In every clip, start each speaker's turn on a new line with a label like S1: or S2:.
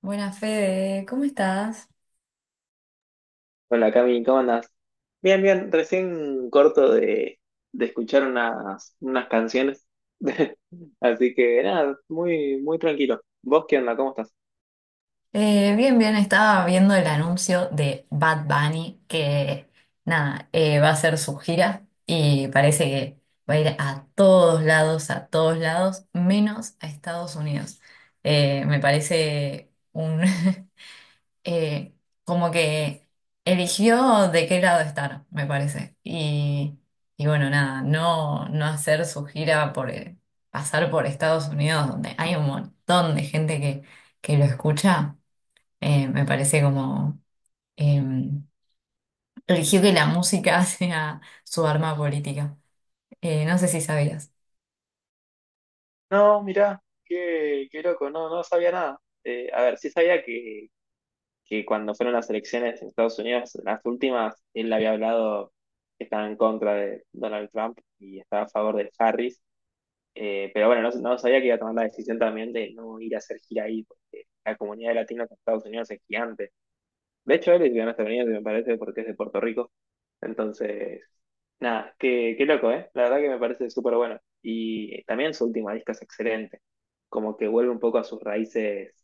S1: Buenas, Fede, ¿cómo estás?
S2: Hola Cami, ¿cómo andás? Bien, bien, recién corto de escuchar unas canciones. Así que nada, muy, muy tranquilo. ¿Vos qué onda? ¿Cómo estás?
S1: Bien, bien, estaba viendo el anuncio de Bad Bunny que, nada, va a hacer su gira y parece que va a ir a todos lados, menos a Estados Unidos. Me parece un, eh, como que eligió de qué lado estar, me parece. Y bueno, nada, no hacer su gira por, pasar por Estados Unidos, donde hay un montón de gente que lo escucha. Me parece como eh, eligió que la música sea su arma política. No sé si sabías.
S2: No, mirá, qué loco, no, no sabía nada. A ver, sí sabía que cuando fueron las elecciones en Estados Unidos, las últimas, él había hablado que estaba en contra de Donald Trump y estaba a favor de Harris. Pero bueno, no, no sabía que iba a tomar la decisión también de no ir a hacer gira ahí, porque la comunidad latina en Estados Unidos es gigante. De hecho, él es de Estados Unidos me parece, porque es de Puerto Rico. Entonces, nada, qué loco, ¿eh? La verdad que me parece súper bueno. Y también su última disco es excelente. Como que vuelve un poco a sus raíces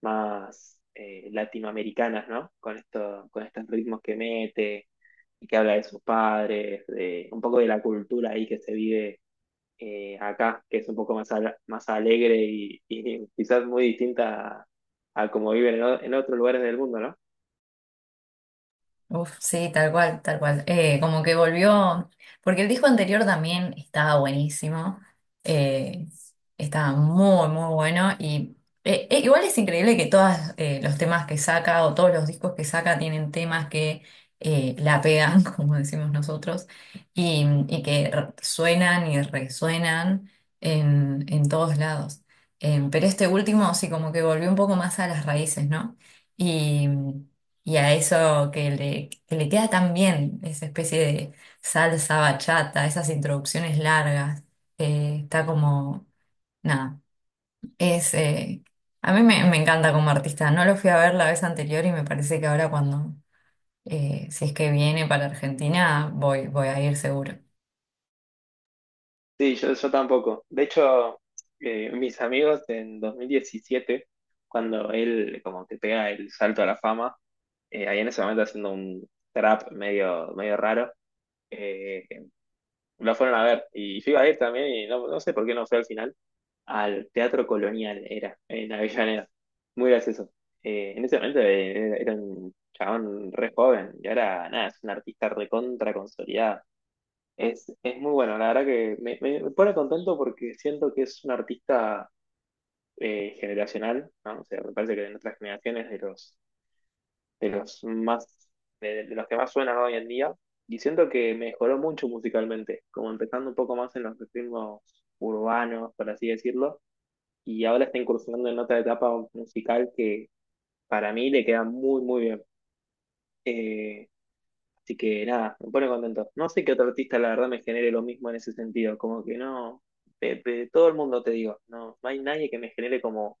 S2: más latinoamericanas, ¿no? Con estos ritmos que mete y que habla de sus padres, de un poco de la cultura ahí que se vive acá, que es un poco más, más alegre y quizás muy distinta a como viven en otros lugares del mundo, ¿no?
S1: Uf, sí, tal cual, tal cual. Como que volvió, porque el disco anterior también estaba buenísimo, eh, estaba muy, muy bueno y igual es increíble que todos los temas que saca o todos los discos que saca tienen temas que la pegan, como decimos nosotros, y que suenan y resuenan en todos lados. Pero este último sí, como que volvió un poco más a las raíces, ¿no? Y... Y a eso que le queda tan bien, esa especie de salsa bachata, esas introducciones largas. Está como, nada, es, A mí me encanta como artista, no lo fui a ver la vez anterior y me parece que ahora, si es que viene para Argentina, voy, voy a ir seguro.
S2: Sí, yo tampoco. De hecho, mis amigos en 2017, cuando él como que pega el salto a la fama, ahí en ese momento haciendo un trap medio, medio raro, eh, lo fueron a ver. Y yo iba a ir también y no, no sé por qué no fue al final, al Teatro Colonial, era, en Avellaneda. Muy gracioso. En ese momento era un chabón re joven y ahora, nada, es un artista recontra consolidada. Es muy bueno, la verdad que me pone contento porque siento que es un artista generacional, ¿no? O sea, me parece que de nuestras generaciones de los más, de los que más suenan hoy en día, y siento que mejoró mucho musicalmente, como empezando un poco más en los ritmos urbanos, por así decirlo, y ahora está incursionando en otra etapa musical que para mí le queda muy, muy bien. Eh, Así que nada, me pone contento. No sé qué otro artista, la verdad, me genere lo mismo en ese sentido, como que no, de todo el mundo te digo, no, no hay nadie que me genere como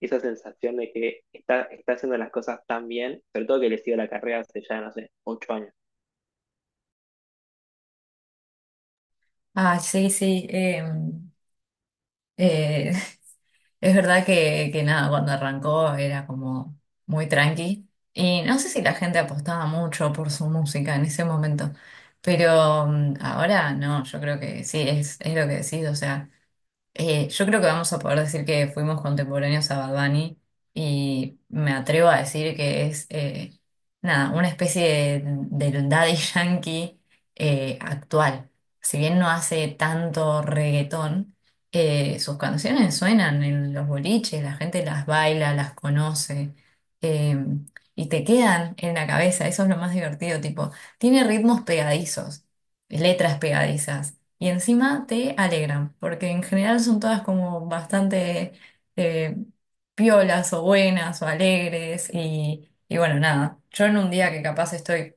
S2: esa sensación de que está, está haciendo las cosas tan bien, sobre todo que le sigo la carrera hace ya, no sé, 8 años.
S1: Ah, sí, sí, eh, es verdad que nada, cuando arrancó era como muy tranqui. Y no sé si la gente apostaba mucho por su música en ese momento, pero ahora no, yo creo que sí, es lo que decís, o sea. Yo creo que vamos a poder decir que fuimos contemporáneos a Bad Bunny y me atrevo a decir que es, nada, una especie de Daddy Yankee actual. Si bien no hace tanto reggaetón, sus canciones suenan en los boliches, la gente las baila, las conoce, eh, y te quedan en la cabeza. Eso es lo más divertido, tipo, tiene ritmos pegadizos, letras pegadizas y encima te alegran, porque en general son todas como bastante eh, piolas o buenas o alegres y bueno, nada, yo en un día que capaz estoy,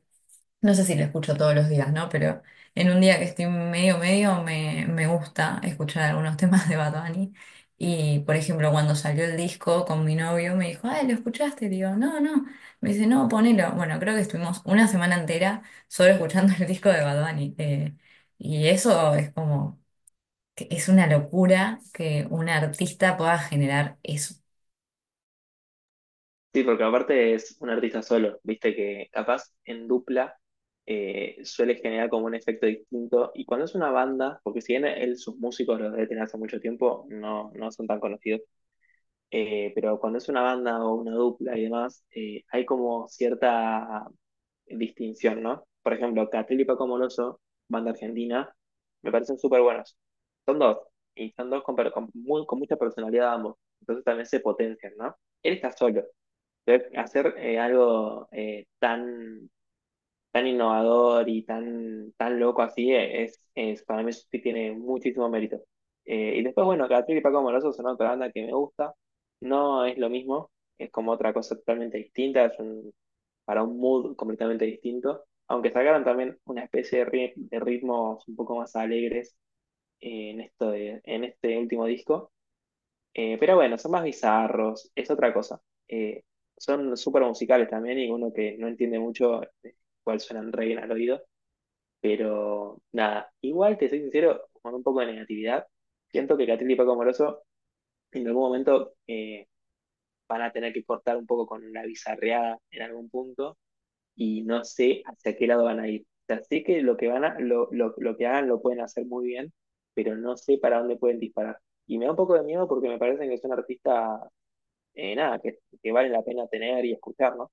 S1: no sé si lo escucho todos los días, ¿no? Pero en un día que estoy medio me, me gusta escuchar algunos temas de Bad Bunny. Y por ejemplo, cuando salió el disco con mi novio me dijo, ay, ¿lo escuchaste? Y digo, no, no. Me dice, no, ponelo. Bueno, creo que estuvimos una semana entera solo escuchando el disco de Bad Bunny. Y eso es como, que es una locura que un artista pueda generar eso.
S2: Sí, porque aparte es un artista solo, viste que capaz en dupla suele generar como un efecto distinto. Y cuando es una banda, porque si bien él, sus músicos los debe tener hace mucho tiempo, no, no son tan conocidos, pero cuando es una banda o una dupla y demás, hay como cierta distinción, ¿no? Por ejemplo, Catriel y Paco Moroso, banda argentina, me parecen súper buenos. Son dos, y son dos con con mucha personalidad ambos, entonces también se potencian, ¿no? Él está solo. Hacer, algo tan, tan innovador y tan, tan loco así es, para mí sí tiene muchísimo mérito. Y después, bueno, Catril y Paco Moroso son otra banda que me gusta. No es lo mismo, es como otra cosa totalmente distinta, para un mood completamente distinto. Aunque sacaron también una especie de ritmos un poco más alegres en este último disco. Pero bueno, son más bizarros, es otra cosa. Eh, Son súper musicales también y uno que no entiende mucho cuál suenan re bien al oído. Pero nada, igual te soy sincero, con un poco de negatividad, siento que Catril y Paco Moroso en algún momento van a tener que cortar un poco con la bizarreada en algún punto y no sé hacia qué lado van a ir. O sea, sé que lo que van a, lo que hagan lo pueden hacer muy bien, pero no sé para dónde pueden disparar. Y me da un poco de miedo porque me parecen que son artistas nada, que vale la pena tener y escuchar, ¿no?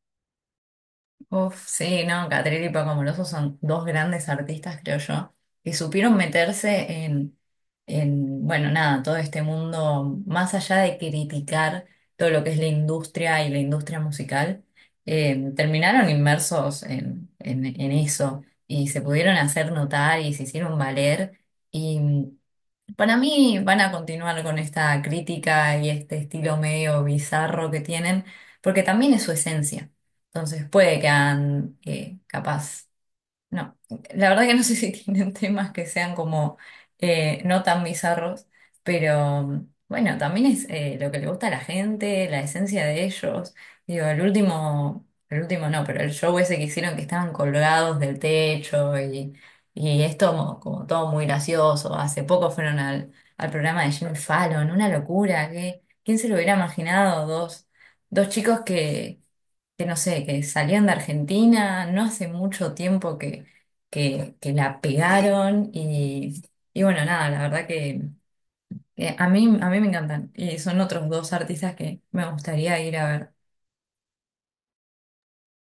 S1: Uf, sí, no, Catriel y Paco Amoroso son dos grandes artistas, creo yo, que supieron meterse bueno, nada, todo este mundo, más allá de criticar todo lo que es la industria y la industria musical. Terminaron inmersos en eso y se pudieron hacer notar y se hicieron valer. Y para mí van a continuar con esta crítica y este estilo medio bizarro que tienen, porque también es su esencia. Entonces puede que hagan, capaz. No, la verdad que no sé si tienen temas que sean como no tan bizarros, pero bueno, también es lo que le gusta a la gente, la esencia de ellos. Digo, el último no, pero el show ese que hicieron que estaban colgados del techo y es todo como todo muy gracioso. Hace poco fueron al programa de Jimmy Fallon, una locura. Que ¿quién se lo hubiera imaginado? Dos, dos chicos que no sé, que salían de Argentina, no hace mucho tiempo que la pegaron y bueno, nada, la verdad que a mí me encantan y son otros dos artistas que me gustaría ir a ver.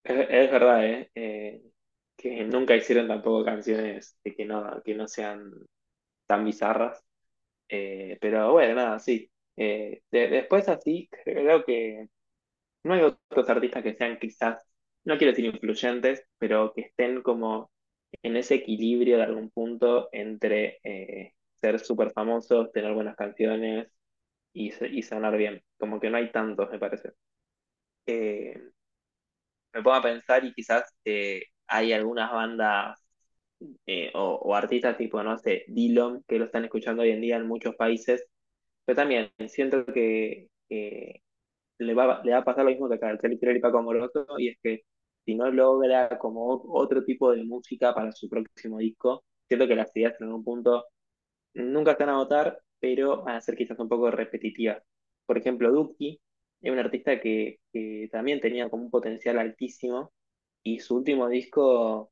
S2: Es verdad, ¿eh? Que nunca hicieron tampoco canciones de que no sean tan bizarras. Pero bueno, nada, sí. Después así, creo que no hay otros artistas que sean quizás, no quiero decir influyentes, pero que estén como en ese equilibrio de algún punto entre ser súper famosos, tener buenas canciones y, y sonar bien. Como que no hay tantos, me parece. Eh, Me pongo a pensar y quizás hay algunas bandas artistas tipo, no sé, Dillom que lo están escuchando hoy en día en muchos países, pero también siento que le va a pasar lo mismo que a el y Paco Amoroso, y es que si no logra como otro tipo de música para su próximo disco, siento que las ideas en un punto nunca están a votar, pero van a ser quizás un poco repetitivas. Por ejemplo, Duki es un artista que también tenía como un potencial altísimo y su último disco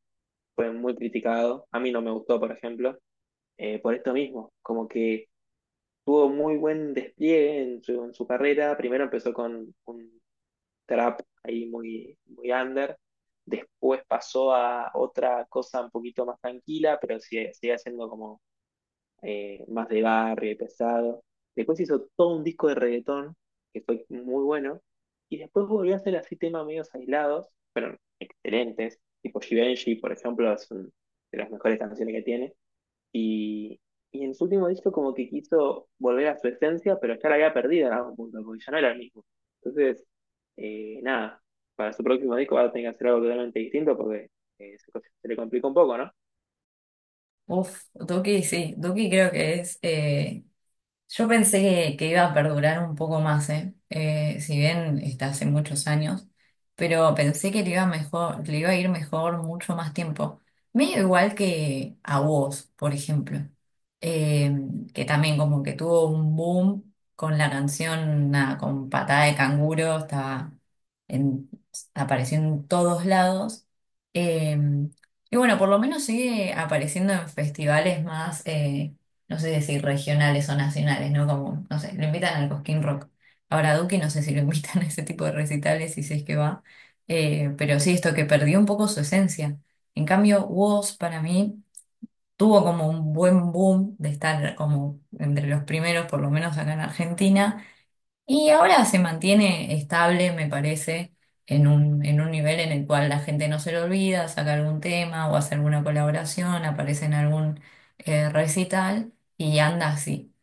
S2: fue muy criticado. A mí no me gustó, por ejemplo, por esto mismo, como que tuvo muy buen despliegue en su carrera. Primero empezó con un trap ahí muy, muy under. Después pasó a otra cosa un poquito más tranquila, pero sigue, sigue siendo como más de barrio y pesado. Después hizo todo un disco de reggaetón, que fue muy bueno. Y después volvió a hacer así temas medios aislados, excelentes, tipo Givenchy, por ejemplo, de las mejores canciones que tiene. Y, y en su último disco como que quiso volver a su esencia, pero ya la había perdido en algún punto, porque ya no era el mismo. Entonces, nada, para su próximo disco va a tener que hacer algo totalmente distinto porque eh, se, se le complica un poco, ¿no?
S1: Uf, Duki sí, Duki creo que es, yo pensé que iba a perdurar un poco más, ¿eh? Si bien está hace muchos años, pero pensé que le iba mejor, le iba a ir mejor mucho más tiempo. Medio igual que a vos, por ejemplo. Eh, que también como que tuvo un boom con la canción, nada, con Patada de Canguro, estaba en, apareciendo en todos lados. Eh, y bueno, por lo menos sigue apareciendo en festivales más, no sé si regionales o nacionales, ¿no? Como, no sé, lo invitan al Cosquín Rock. Ahora a Duki no sé si lo invitan a ese tipo de recitales y si es que va. Pero sí, esto que perdió un poco su esencia. En cambio, Woz para mí tuvo como un buen boom de estar como entre los primeros, por lo menos acá en Argentina, y ahora se mantiene estable, me parece, en un nivel en el cual la gente no se lo olvida, saca algún tema o hace alguna colaboración, aparece en algún recital y anda así.